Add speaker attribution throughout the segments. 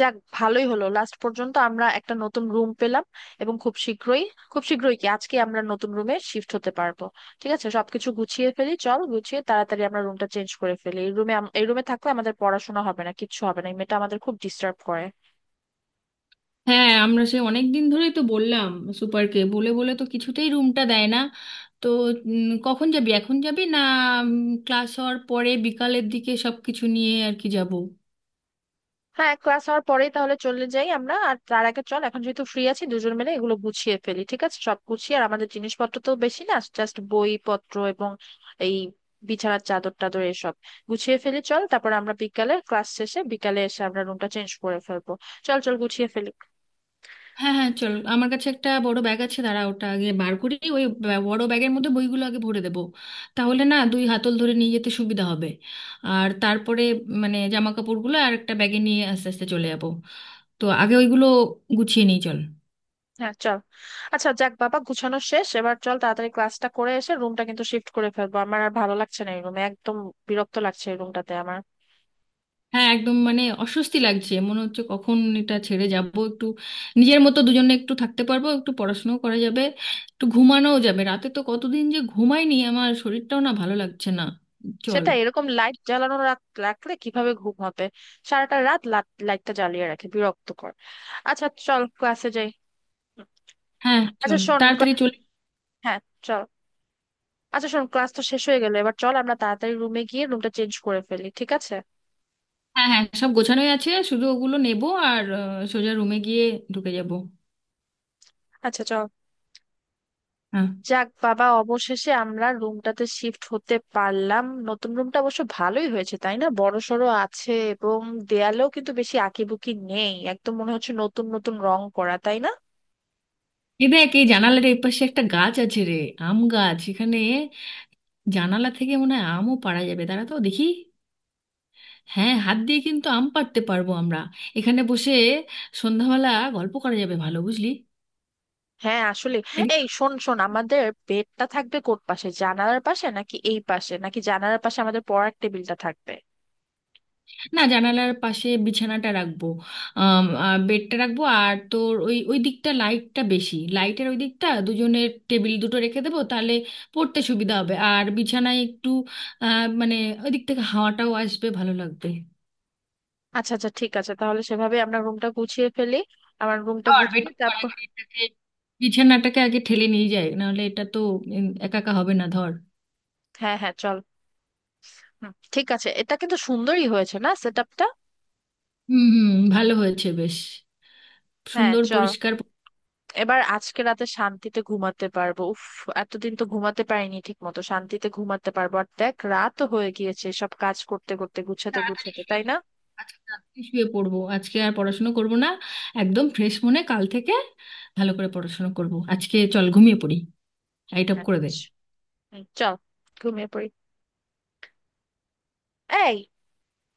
Speaker 1: যাক, ভালোই হলো। লাস্ট পর্যন্ত আমরা একটা নতুন রুম পেলাম এবং খুব শীঘ্রই কি আজকে আমরা নতুন রুমে শিফট হতে পারবো? ঠিক আছে, সবকিছু গুছিয়ে ফেলি, চল গুছিয়ে তাড়াতাড়ি আমরা রুমটা চেঞ্জ করে ফেলি। এই রুমে থাকলে আমাদের পড়াশোনা হবে না, কিচ্ছু হবে না, এই মেয়েটা আমাদের খুব ডিস্টার্ব করে।
Speaker 2: হ্যাঁ, আমরা সে অনেক দিন ধরেই তো বললাম। সুপারকে বলে বলে তো কিছুতেই রুমটা দেয় না। তো কখন যাবি? এখন যাবি না, ক্লাস হওয়ার পরে বিকালের দিকে সব কিছু নিয়ে আর কি যাব।
Speaker 1: হ্যাঁ, ক্লাস হওয়ার পরেই তাহলে চলে যাই আমরা, আর তার আগে চল এখন যেহেতু ফ্রি আছি, দুজন মিলে এগুলো গুছিয়ে ফেলি। ঠিক আছে, সব গুছিয়ে। আর আমাদের জিনিসপত্র তো বেশি না, জাস্ট বই পত্র এবং এই বিছানার চাদর টাদর এসব গুছিয়ে ফেলি চল, তারপর আমরা বিকালে ক্লাস শেষে বিকালে এসে আমরা রুমটা চেঞ্জ করে ফেলবো। চল চল গুছিয়ে ফেলি।
Speaker 2: হ্যাঁ হ্যাঁ চল, আমার কাছে একটা বড় ব্যাগ আছে। দাঁড়া, ওটা আগে বার করি। ওই বড় ব্যাগের মধ্যে বইগুলো আগে ভরে দেবো, তাহলে না দুই হাতল ধরে নিয়ে যেতে সুবিধা হবে। আর তারপরে মানে জামা কাপড়গুলো আর একটা ব্যাগে নিয়ে আস্তে আস্তে চলে যাব। তো আগে ওইগুলো গুছিয়ে নিই, চল।
Speaker 1: হ্যাঁ চল। আচ্ছা, যাক বাবা, গুছানো শেষ। এবার চল তাড়াতাড়ি ক্লাসটা করে এসে রুমটা কিন্তু শিফট করে ফেলবো, আমার আর ভালো লাগছে না এই রুমে একদম, বিরক্ত লাগছে এই রুমটাতে আমার।
Speaker 2: হ্যাঁ একদম, মানে অস্বস্তি লাগছে, মনে হচ্ছে কখন এটা ছেড়ে যাব। একটু নিজের মতো দুজনে একটু থাকতে পারবো, একটু পড়াশোনাও করা যাবে, একটু ঘুমানোও যাবে। রাতে তো কতদিন যে ঘুমাইনি, আমার শরীরটাও না ভালো লাগছে না। চল।
Speaker 1: সেটা এরকম লাইট জ্বালানো রাখলে কিভাবে ঘুম হবে? সারাটা রাত লাইটটা জ্বালিয়ে রাখে, বিরক্তকর। আচ্ছা, চল ক্লাসে যাই।
Speaker 2: হ্যাঁ
Speaker 1: আচ্ছা
Speaker 2: চল
Speaker 1: শোন,
Speaker 2: তাড়াতাড়ি চলে।
Speaker 1: হ্যাঁ, চল। আচ্ছা শোন, ক্লাস তো শেষ হয়ে গেল, এবার চল আমরা তাড়াতাড়ি রুমে গিয়ে রুমটা চেঞ্জ করে ফেলি, ঠিক আছে?
Speaker 2: হ্যাঁ হ্যাঁ, সব গোছানোই আছে, শুধু ওগুলো নেবো আর সোজা রুমে গিয়ে ঢুকে যাব।
Speaker 1: আচ্ছা চল।
Speaker 2: হ্যাঁ।
Speaker 1: যাক বাবা, অবশেষে আমরা রুমটাতে শিফট হতে পারলাম। নতুন রুমটা অবশ্য ভালোই হয়েছে তাই না, বড় সড়ো আছে এবং দেয়ালেও কিন্তু বেশি আঁকিবুকি নেই, একদম মনে হচ্ছে নতুন নতুন রং করা, তাই না?
Speaker 2: এই দেখ, এই জানালার এই পাশে একটা গাছ আছে রে, আম গাছ। এখানে জানালা থেকে মনে হয় আমও পাড়া যাবে, দাঁড়া তো দেখি। হ্যাঁ, হাত দিয়ে কিন্তু আম পাড়তে পারবো আমরা। এখানে বসে সন্ধ্যাবেলা গল্প করা যাবে ভালো, বুঝলি।
Speaker 1: হ্যাঁ, আসলে
Speaker 2: এদিক-
Speaker 1: এই শোন শোন, আমাদের বেডটা থাকবে কোট পাশে, জানালার পাশে নাকি এই পাশে, নাকি জানালার পাশে আমাদের পড়ার টেবিলটা থাকবে?
Speaker 2: না, জানালার পাশে বিছানাটা রাখবো। আর বেডটা রাখবো, আর তোর ওই ওই দিকটা লাইটটা বেশি, লাইটের ওই দিকটা দুজনের টেবিল দুটো রেখে দেবো, তাহলে পড়তে সুবিধা হবে। আর বিছানায় একটু মানে ওই দিক থেকে হাওয়াটাও আসবে, ভালো লাগবে।
Speaker 1: আচ্ছা আচ্ছা, ঠিক আছে তাহলে সেভাবে আমরা রুমটা গুছিয়ে ফেলি। আমার রুমটা
Speaker 2: আর
Speaker 1: গুছিয়ে তারপর।
Speaker 2: এটাকে, বিছানাটাকে আগে ঠেলে নিয়ে যায়, নাহলে এটা তো একা একা হবে না, ধর।
Speaker 1: হ্যাঁ হ্যাঁ চল। ঠিক আছে, এটা কিন্তু সুন্দরই হয়েছে না, সেট আপটা?
Speaker 2: হুম হুম, ভালো হয়েছে বেশ।
Speaker 1: হ্যাঁ
Speaker 2: সুন্দর
Speaker 1: চল।
Speaker 2: পরিষ্কার।
Speaker 1: এবার আজকে রাতে শান্তিতে ঘুমাতে পারবো, উফ। এতদিন তো ঘুমাতে পারিনি ঠিক মতো, শান্তিতে ঘুমাতে পারবো। আর দেখ রাতও হয়ে গিয়েছে সব কাজ করতে করতে, গুছাতে
Speaker 2: তাড়াতাড়ি
Speaker 1: গুছাতে,
Speaker 2: শুয়ে
Speaker 1: তাই না?
Speaker 2: পড়বো, আজকে তাড়াতাড়ি শুয়ে পড়বো। আজকে আর পড়াশোনা করব না, একদম ফ্রেশ মনে কাল থেকে ভালো করে পড়াশোনা করব। আজকে চল ঘুমিয়ে পড়ি, লাইট অফ করে দে।
Speaker 1: আচ্ছা, চল ঘুমিয়ে পড়ি। এই,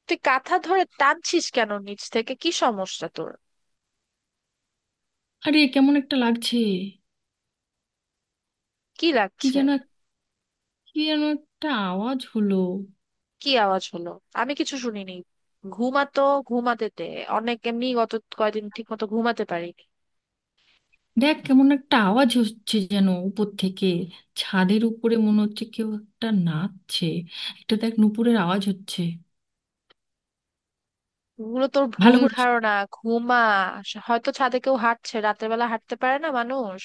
Speaker 1: তুই কাঁথা ধরে টানছিস কেন নিচ থেকে, কি সমস্যা তোর?
Speaker 2: আরে কেমন একটা লাগছে।
Speaker 1: কি
Speaker 2: কি
Speaker 1: লাগছে?
Speaker 2: যেন এক- কি যেন একটা আওয়াজ হলো।
Speaker 1: কি আওয়াজ হলো? আমি কিছু শুনিনি। ঘুমাতো, ঘুমাতে দে। অনেক এমনি গত কয়দিন ঠিক মতো ঘুমাতে পারিনি।
Speaker 2: দেখ, কেমন একটা আওয়াজ হচ্ছে যেন উপর থেকে। ছাদের উপরে মনে হচ্ছে কেউ একটা নাচছে। একটা দেখ, নুপুরের আওয়াজ হচ্ছে।
Speaker 1: এগুলো তোর
Speaker 2: ভালো
Speaker 1: ভুল
Speaker 2: করে শু-
Speaker 1: ধারণা। ঘুমা, হয়তো ছাদে কেউ হাঁটছে, রাতের বেলা হাঁটতে পারে না মানুষ?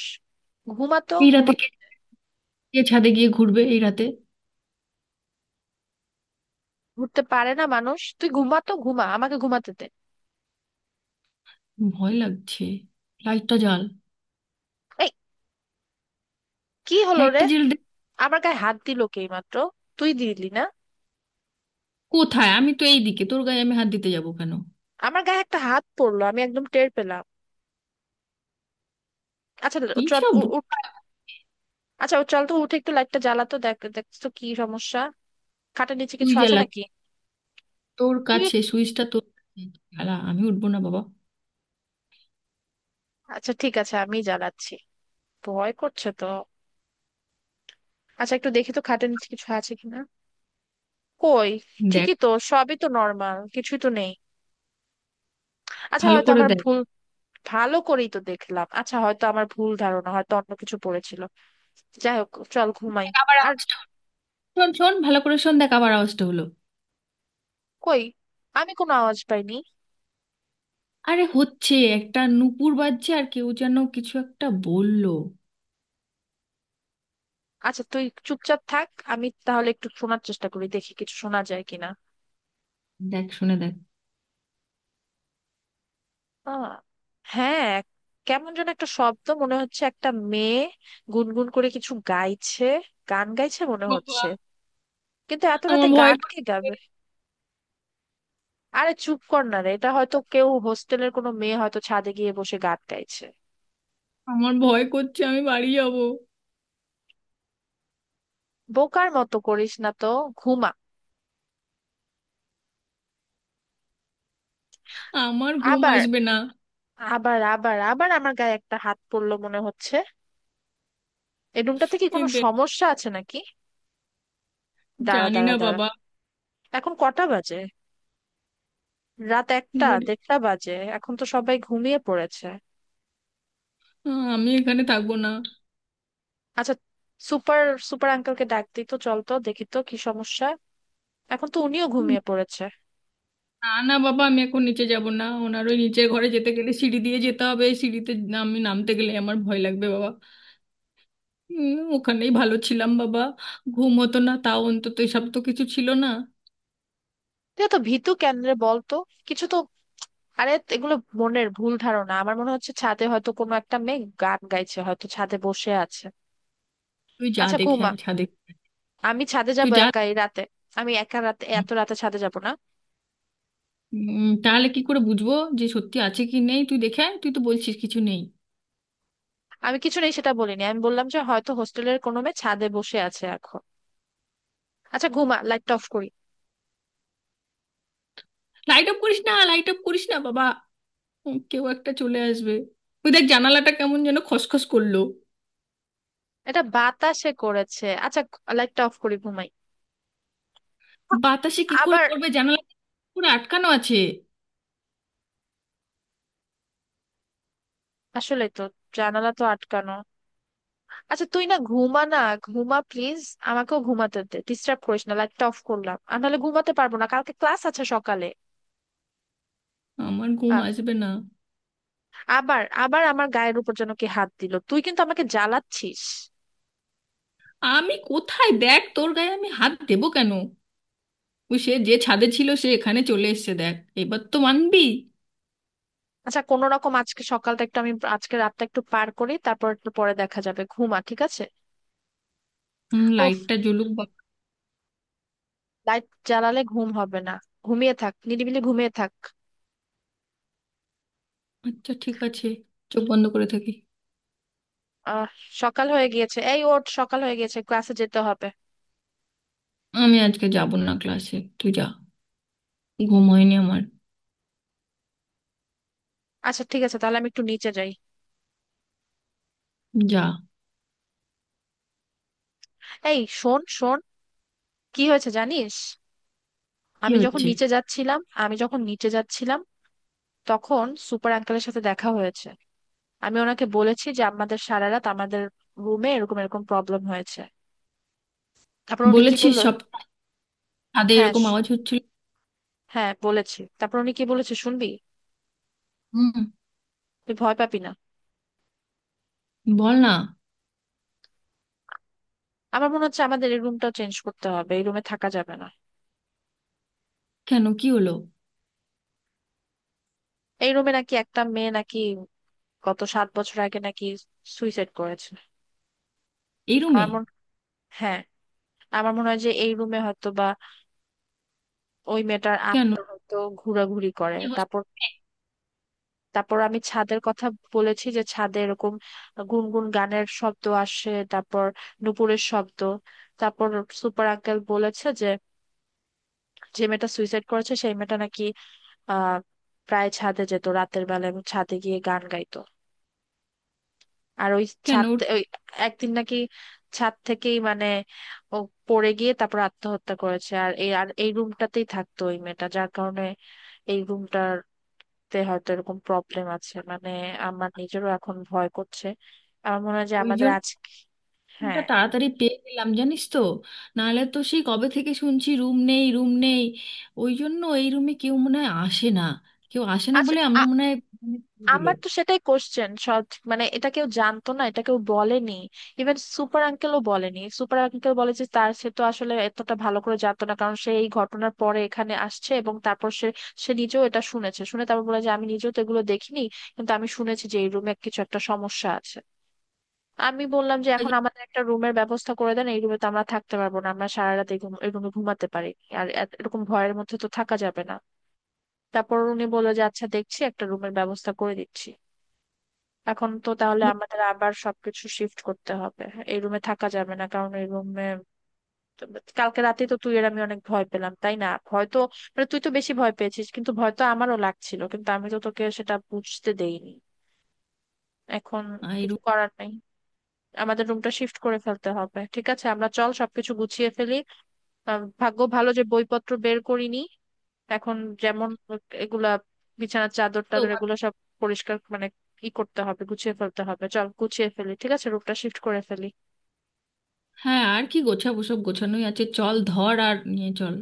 Speaker 1: ঘুমাতো
Speaker 2: এই
Speaker 1: ঘুমা।
Speaker 2: রাতে কে, কে ছাদে গিয়ে ঘুরবে এই রাতে?
Speaker 1: ঘুরতে পারে না মানুষ? তুই ঘুমাতো ঘুমা, আমাকে ঘুমাতে দে।
Speaker 2: ভয় লাগছে, লাইটটা জ্বাল।
Speaker 1: এই, কি হলো রে?
Speaker 2: লাইটটা জ্বেলে দেখ।
Speaker 1: আমার গায়ে হাত দিল কে এই মাত্র, তুই দিলি না?
Speaker 2: কোথায়, আমি তো এইদিকে, তোর গায়ে আমি হাত দিতে যাবো কেন?
Speaker 1: আমার গায়ে একটা হাত পড়লো, আমি একদম টের পেলাম। আচ্ছা,
Speaker 2: কি
Speaker 1: চল
Speaker 2: সব
Speaker 1: উঠ।
Speaker 2: বোকা।
Speaker 1: আচ্ছা ও, চল তো উঠে একটু লাইটটা জ্বালাতো, দেখ দেখ তো কি সমস্যা, খাটের নিচে
Speaker 2: তুই
Speaker 1: কিছু আছে
Speaker 2: জ্বালা,
Speaker 1: নাকি।
Speaker 2: তোর
Speaker 1: তুই এক-
Speaker 2: কাছে সুইচটা, তোর কাছে। জ্বালা, আমি উঠবো না বাবা।
Speaker 1: আচ্ছা ঠিক আছে, আমি জ্বালাচ্ছি। ভয় করছে তো। আচ্ছা একটু দেখি তো খাটের নিচে কিছু আছে কিনা। কই,
Speaker 2: দেখ,
Speaker 1: ঠিকই তো, সবই তো নর্মাল, কিছুই তো নেই। আচ্ছা,
Speaker 2: ভালো
Speaker 1: হয়তো
Speaker 2: করে
Speaker 1: আমার
Speaker 2: দেখ।
Speaker 1: ভুল। ভালো করেই তো দেখলাম, আচ্ছা হয়তো আমার ভুল ধারণা, হয়তো অন্য কিছু পড়েছিল। যাই হোক, চল ঘুমাই।
Speaker 2: দেখ, আবার
Speaker 1: আর
Speaker 2: আওয়াজটা হলো। শোন শোন, ভালো করে শোন, দেখ আবার আওয়াজটা হলো।
Speaker 1: কই, আমি কোনো আওয়াজ পাইনি।
Speaker 2: আরে হচ্ছে, একটা নুপুর বাজছে, আর কেউ যেন কিছু একটা বললো।
Speaker 1: আচ্ছা তুই চুপচাপ থাক, আমি তাহলে একটু শোনার চেষ্টা করি, দেখি কিছু শোনা যায় কিনা।
Speaker 2: দেখ, শুনে দেখ।
Speaker 1: আহ, হ্যাঁ, কেমন যেন একটা শব্দ মনে হচ্ছে, একটা মেয়ে গুনগুন করে কিছু গাইছে, গান গাইছে মনে
Speaker 2: বাবা,
Speaker 1: হচ্ছে। কিন্তু এত রাতে
Speaker 2: আমার ভয়
Speaker 1: গান কে
Speaker 2: করছে।
Speaker 1: গাবে? আরে চুপ কর না রে, এটা হয়তো কেউ হোস্টেলের কোনো মেয়ে হয়তো ছাদে গিয়ে বসে গান গাইছে।
Speaker 2: আমার ভয় করছে, আমি বাড়ি যাব।
Speaker 1: বোকার মতো করিস না তো, ঘুমা।
Speaker 2: আমার ঘুম
Speaker 1: আবার
Speaker 2: আসবে না।
Speaker 1: আবার আবার আবার আমার গায়ে একটা হাত পড়লো মনে হচ্ছে। এই রুমটাতে কি
Speaker 2: এ
Speaker 1: কোনো
Speaker 2: দেখ।
Speaker 1: সমস্যা আছে নাকি? দাঁড়া
Speaker 2: জানি
Speaker 1: দাঁড়া
Speaker 2: না
Speaker 1: দাঁড়া।
Speaker 2: বাবা।
Speaker 1: এখন কটা বাজে? রাত একটা,
Speaker 2: ঘুরি।
Speaker 1: দেড়টা বাজে। এখন তো সবাই ঘুমিয়ে পড়েছে।
Speaker 2: আমি এখানে থাকবো না।
Speaker 1: আচ্ছা, সুপার, সুপার আঙ্কেলকে ডাক দিই তো, চল তো দেখি তো কি সমস্যা। এখন তো উনিও ঘুমিয়ে পড়েছে।
Speaker 2: না না বাবা, আমি এখন নিচে যাব না, ওনার ওই নিচের ঘরে যেতে গেলে সিঁড়ি দিয়ে যেতে হবে, এই সিঁড়িতে আমি নামতে গেলে আমার ভয় লাগবে বাবা। ওখানেই ভালো ছিলাম বাবা, ঘুম হতো না তাও অন্তত এসব তো কিছু ছিল না।
Speaker 1: তুই তো ভীতু, কেন রে বল তো? কিছু তো, আরে এগুলো মনের ভুল ধারণা। আমার মনে হচ্ছে ছাদে হয়তো কোনো একটা মেয়ে গান গাইছে, হয়তো ছাদে বসে আছে।
Speaker 2: তুই যা
Speaker 1: আচ্ছা
Speaker 2: দেখে
Speaker 1: ঘুমা।
Speaker 2: আয় ছাদে।
Speaker 1: আমি ছাদে
Speaker 2: তুই
Speaker 1: যাবো
Speaker 2: যা
Speaker 1: একা
Speaker 2: দেখে
Speaker 1: এই রাতে? আমি একা রাতে,
Speaker 2: আয়।
Speaker 1: এত রাতে ছাদে যাব না।
Speaker 2: তাহলে কি করে বুঝবো যে সত্যি আছে কি নেই? তুই দেখে আয়, তুই তো বলছিস কিছু নেই।
Speaker 1: আমি কিছু নেই সেটা বলিনি, আমি বললাম যে হয়তো হোস্টেলের কোনো মেয়ে ছাদে বসে আছে এখন। আচ্ছা ঘুমা, লাইটটা অফ করি।
Speaker 2: লাইট অফ করিস না, লাইট অফ করিস না বাবা। কেউ একটা চলে আসবে। তুই দেখ, জানালাটা কেমন যেন খসখস করলো।
Speaker 1: এটা বাতাসে করেছে। আচ্ছা, লাইটটা অফ করি, ঘুমাই।
Speaker 2: বাতাসে কি করে
Speaker 1: আবার।
Speaker 2: করবে জানালা? পুরো আটকানো আছে।
Speaker 1: আসলে তো জানালা তো আটকানো। আচ্ছা তুই না, ঘুমা না, ঘুমা প্লিজ। আমাকেও ঘুমাতে দে, ডিস্টার্ব করিস না। লাইটটা অফ করলাম, আর নাহলে ঘুমাতে পারবো না, কালকে ক্লাস আছে সকালে।
Speaker 2: আমার ঘুম
Speaker 1: আ-
Speaker 2: আসবে না।
Speaker 1: আবার, আবার আমার গায়ের উপর যেন কে হাত দিল, তুই কিন্তু আমাকে জ্বালাচ্ছিস।
Speaker 2: আমি কোথায়, দেখ, তোর গায়ে আমি হাত দেবো কেন? ওই সে যে ছাদে ছিল, সে এখানে চলে এসেছে দেখ, এবার তো মানবি।
Speaker 1: আচ্ছা, কোনো রকম আজকে সকালটা একটু, আমি আজকে রাতটা একটু পার করি, তারপর একটু পরে দেখা যাবে। ঘুমা, ঠিক আছে?
Speaker 2: হুম,
Speaker 1: ওফ,
Speaker 2: লাইটটা জ্বলুক বা।
Speaker 1: লাইট জ্বালালে ঘুম হবে না। ঘুমিয়ে থাক, নিরিবিলি ঘুমিয়ে থাক।
Speaker 2: আচ্ছা ঠিক আছে, চোখ বন্ধ করে থাকি।
Speaker 1: আহ, সকাল হয়ে গিয়েছে। এই, ওঠ, সকাল হয়ে গিয়েছে, ক্লাসে যেতে হবে।
Speaker 2: আমি আজকে যাব না ক্লাসে, তুই যা। ঘুম হয়নি আমার।
Speaker 1: আচ্ছা ঠিক আছে, তাহলে আমি একটু নিচে যাই।
Speaker 2: যা।
Speaker 1: এই শোন শোন, কি হয়েছে জানিস?
Speaker 2: কি
Speaker 1: আমি যখন
Speaker 2: হচ্ছে?
Speaker 1: নিচে যাচ্ছিলাম, আমি যখন নিচে যাচ্ছিলাম, তখন সুপার আঙ্কেলের সাথে দেখা হয়েছে। আমি ওনাকে বলেছি যে আমাদের সারা রাত আমাদের রুমে এরকম এরকম প্রবলেম হয়েছে। তারপর উনি কি
Speaker 2: বলেছিস
Speaker 1: বললো,
Speaker 2: সব, ছাদে
Speaker 1: হ্যাঁ শ-
Speaker 2: এরকম আওয়াজ হচ্ছিল?
Speaker 1: হ্যাঁ বলেছি, তারপর উনি কি বলেছে শুনবি?
Speaker 2: হুম।
Speaker 1: তুই ভয় পাবি না।
Speaker 2: বল না।
Speaker 1: আমার মনে হচ্ছে আমাদের এই রুমটাও চেঞ্জ করতে হবে, এই রুমে থাকা যাবে না।
Speaker 2: কেন, কি হলো?
Speaker 1: এই রুমে নাকি একটা মেয়ে নাকি গত 7 বছর আগে নাকি সুইসাইড করেছে।
Speaker 2: এই রুমে?
Speaker 1: আমার মনে, হ্যাঁ, আমার মনে হয় যে এই রুমে হয়তো ওই মেয়েটার
Speaker 2: কেন,
Speaker 1: আত্মা হয়তো ঘোরাঘুরি করে।
Speaker 2: কি হস-
Speaker 1: তারপর, তারপর আমি ছাদের কথা বলেছি যে ছাদে এরকম গুনগুন গানের শব্দ আসে, তারপর নুপুরের শব্দ। তারপর সুপার আঙ্কেল বলেছে যে, যে মেয়েটা সুইসাইড করেছে, সেই মেয়েটা নাকি আহ প্রায় ছাদে যেত রাতের বেলা এবং ছাদে গিয়ে গান গাইতো। আর ওই
Speaker 2: কেন
Speaker 1: ছাদ, ওই একদিন নাকি ছাদ থেকেই মানে ও পড়ে গিয়ে তারপর আত্মহত্যা করেছে। আর এই, আর এই রুমটাতেই থাকতো ওই মেয়েটা, যার কারণে এই রুমটার তে হয়তো এরকম প্রবলেম আছে। মানে আমার নিজেরও এখন ভয় করছে, আমার মনে হয় যে
Speaker 2: ওই
Speaker 1: আমাদের
Speaker 2: জন্য
Speaker 1: আজ,
Speaker 2: রুমটা
Speaker 1: হ্যাঁ।
Speaker 2: তাড়াতাড়ি পেয়ে গেলাম জানিস তো, নাহলে তো সেই কবে থেকে শুনছি রুম নেই রুম নেই। ওই জন্য এই রুমে কেউ মনে হয় আসে না, কেউ আসে না
Speaker 1: আচ্ছা,
Speaker 2: বলে আমরা
Speaker 1: আ-
Speaker 2: মনে হয় দিল
Speaker 1: আমার তো সেটাই কোশ্চেন সব। মানে এটা কেউ জানতো না, এটা কেউ বলেনি, ইভেন সুপার আঙ্কেলও বলেনি। সুপার আঙ্কেল বলে যে তার, সে তো আসলে এতটা ভালো করে জানতো না, কারণ সে এই ঘটনার পরে এখানে আসছে। এবং তারপর সে, সে নিজেও এটা শুনেছে, শুনে তারপর বলে যে আমি নিজেও তো এগুলো দেখিনি, কিন্তু আমি শুনেছি যে এই রুমে কিছু একটা সমস্যা আছে। আমি বললাম যে এখন আমাদের একটা রুমের ব্যবস্থা করে দেন, এই রুমে তো আমরা থাকতে পারবো না, আমরা সারা রাত এই এই রুমে ঘুমাতে পারি আর এরকম ভয়ের মধ্যে তো থাকা যাবে না। তারপর উনি বললো যে আচ্ছা দেখছি, একটা রুমের ব্যবস্থা করে দিচ্ছি। এখন তো তাহলে আমাদের আবার সবকিছু শিফট করতে হবে, এই রুমে থাকা যাবে না, কারণ এই রুমে কালকে রাতে তো তুই আর আমি অনেক ভয় পেলাম, তাই না? ভয় তো, মানে তুই তো বেশি ভয় পেয়েছিস, কিন্তু ভয় তো আমারও লাগছিল কিন্তু আমি তো তোকে সেটা বুঝতে দেইনি। এখন
Speaker 2: এই
Speaker 1: কিছু
Speaker 2: রুম
Speaker 1: করার নাই, আমাদের রুমটা শিফট করে ফেলতে হবে, ঠিক আছে? আমরা চল সবকিছু গুছিয়ে ফেলি। ভাগ্য ভালো যে বইপত্র বের করিনি। এখন যেমন এগুলা বিছানার চাদর
Speaker 2: তো।
Speaker 1: টাদর এগুলো সব পরিষ্কার মানে ই করতে হবে, গুছিয়ে ফেলতে হবে। চল গুছিয়ে ফেলি, ঠিক আছে? রুমটা শিফট করে ফেলি।
Speaker 2: হ্যাঁ, আর কি গোছাবো, সব গোছানোই আছে, চল ধর আর নিয়ে চল।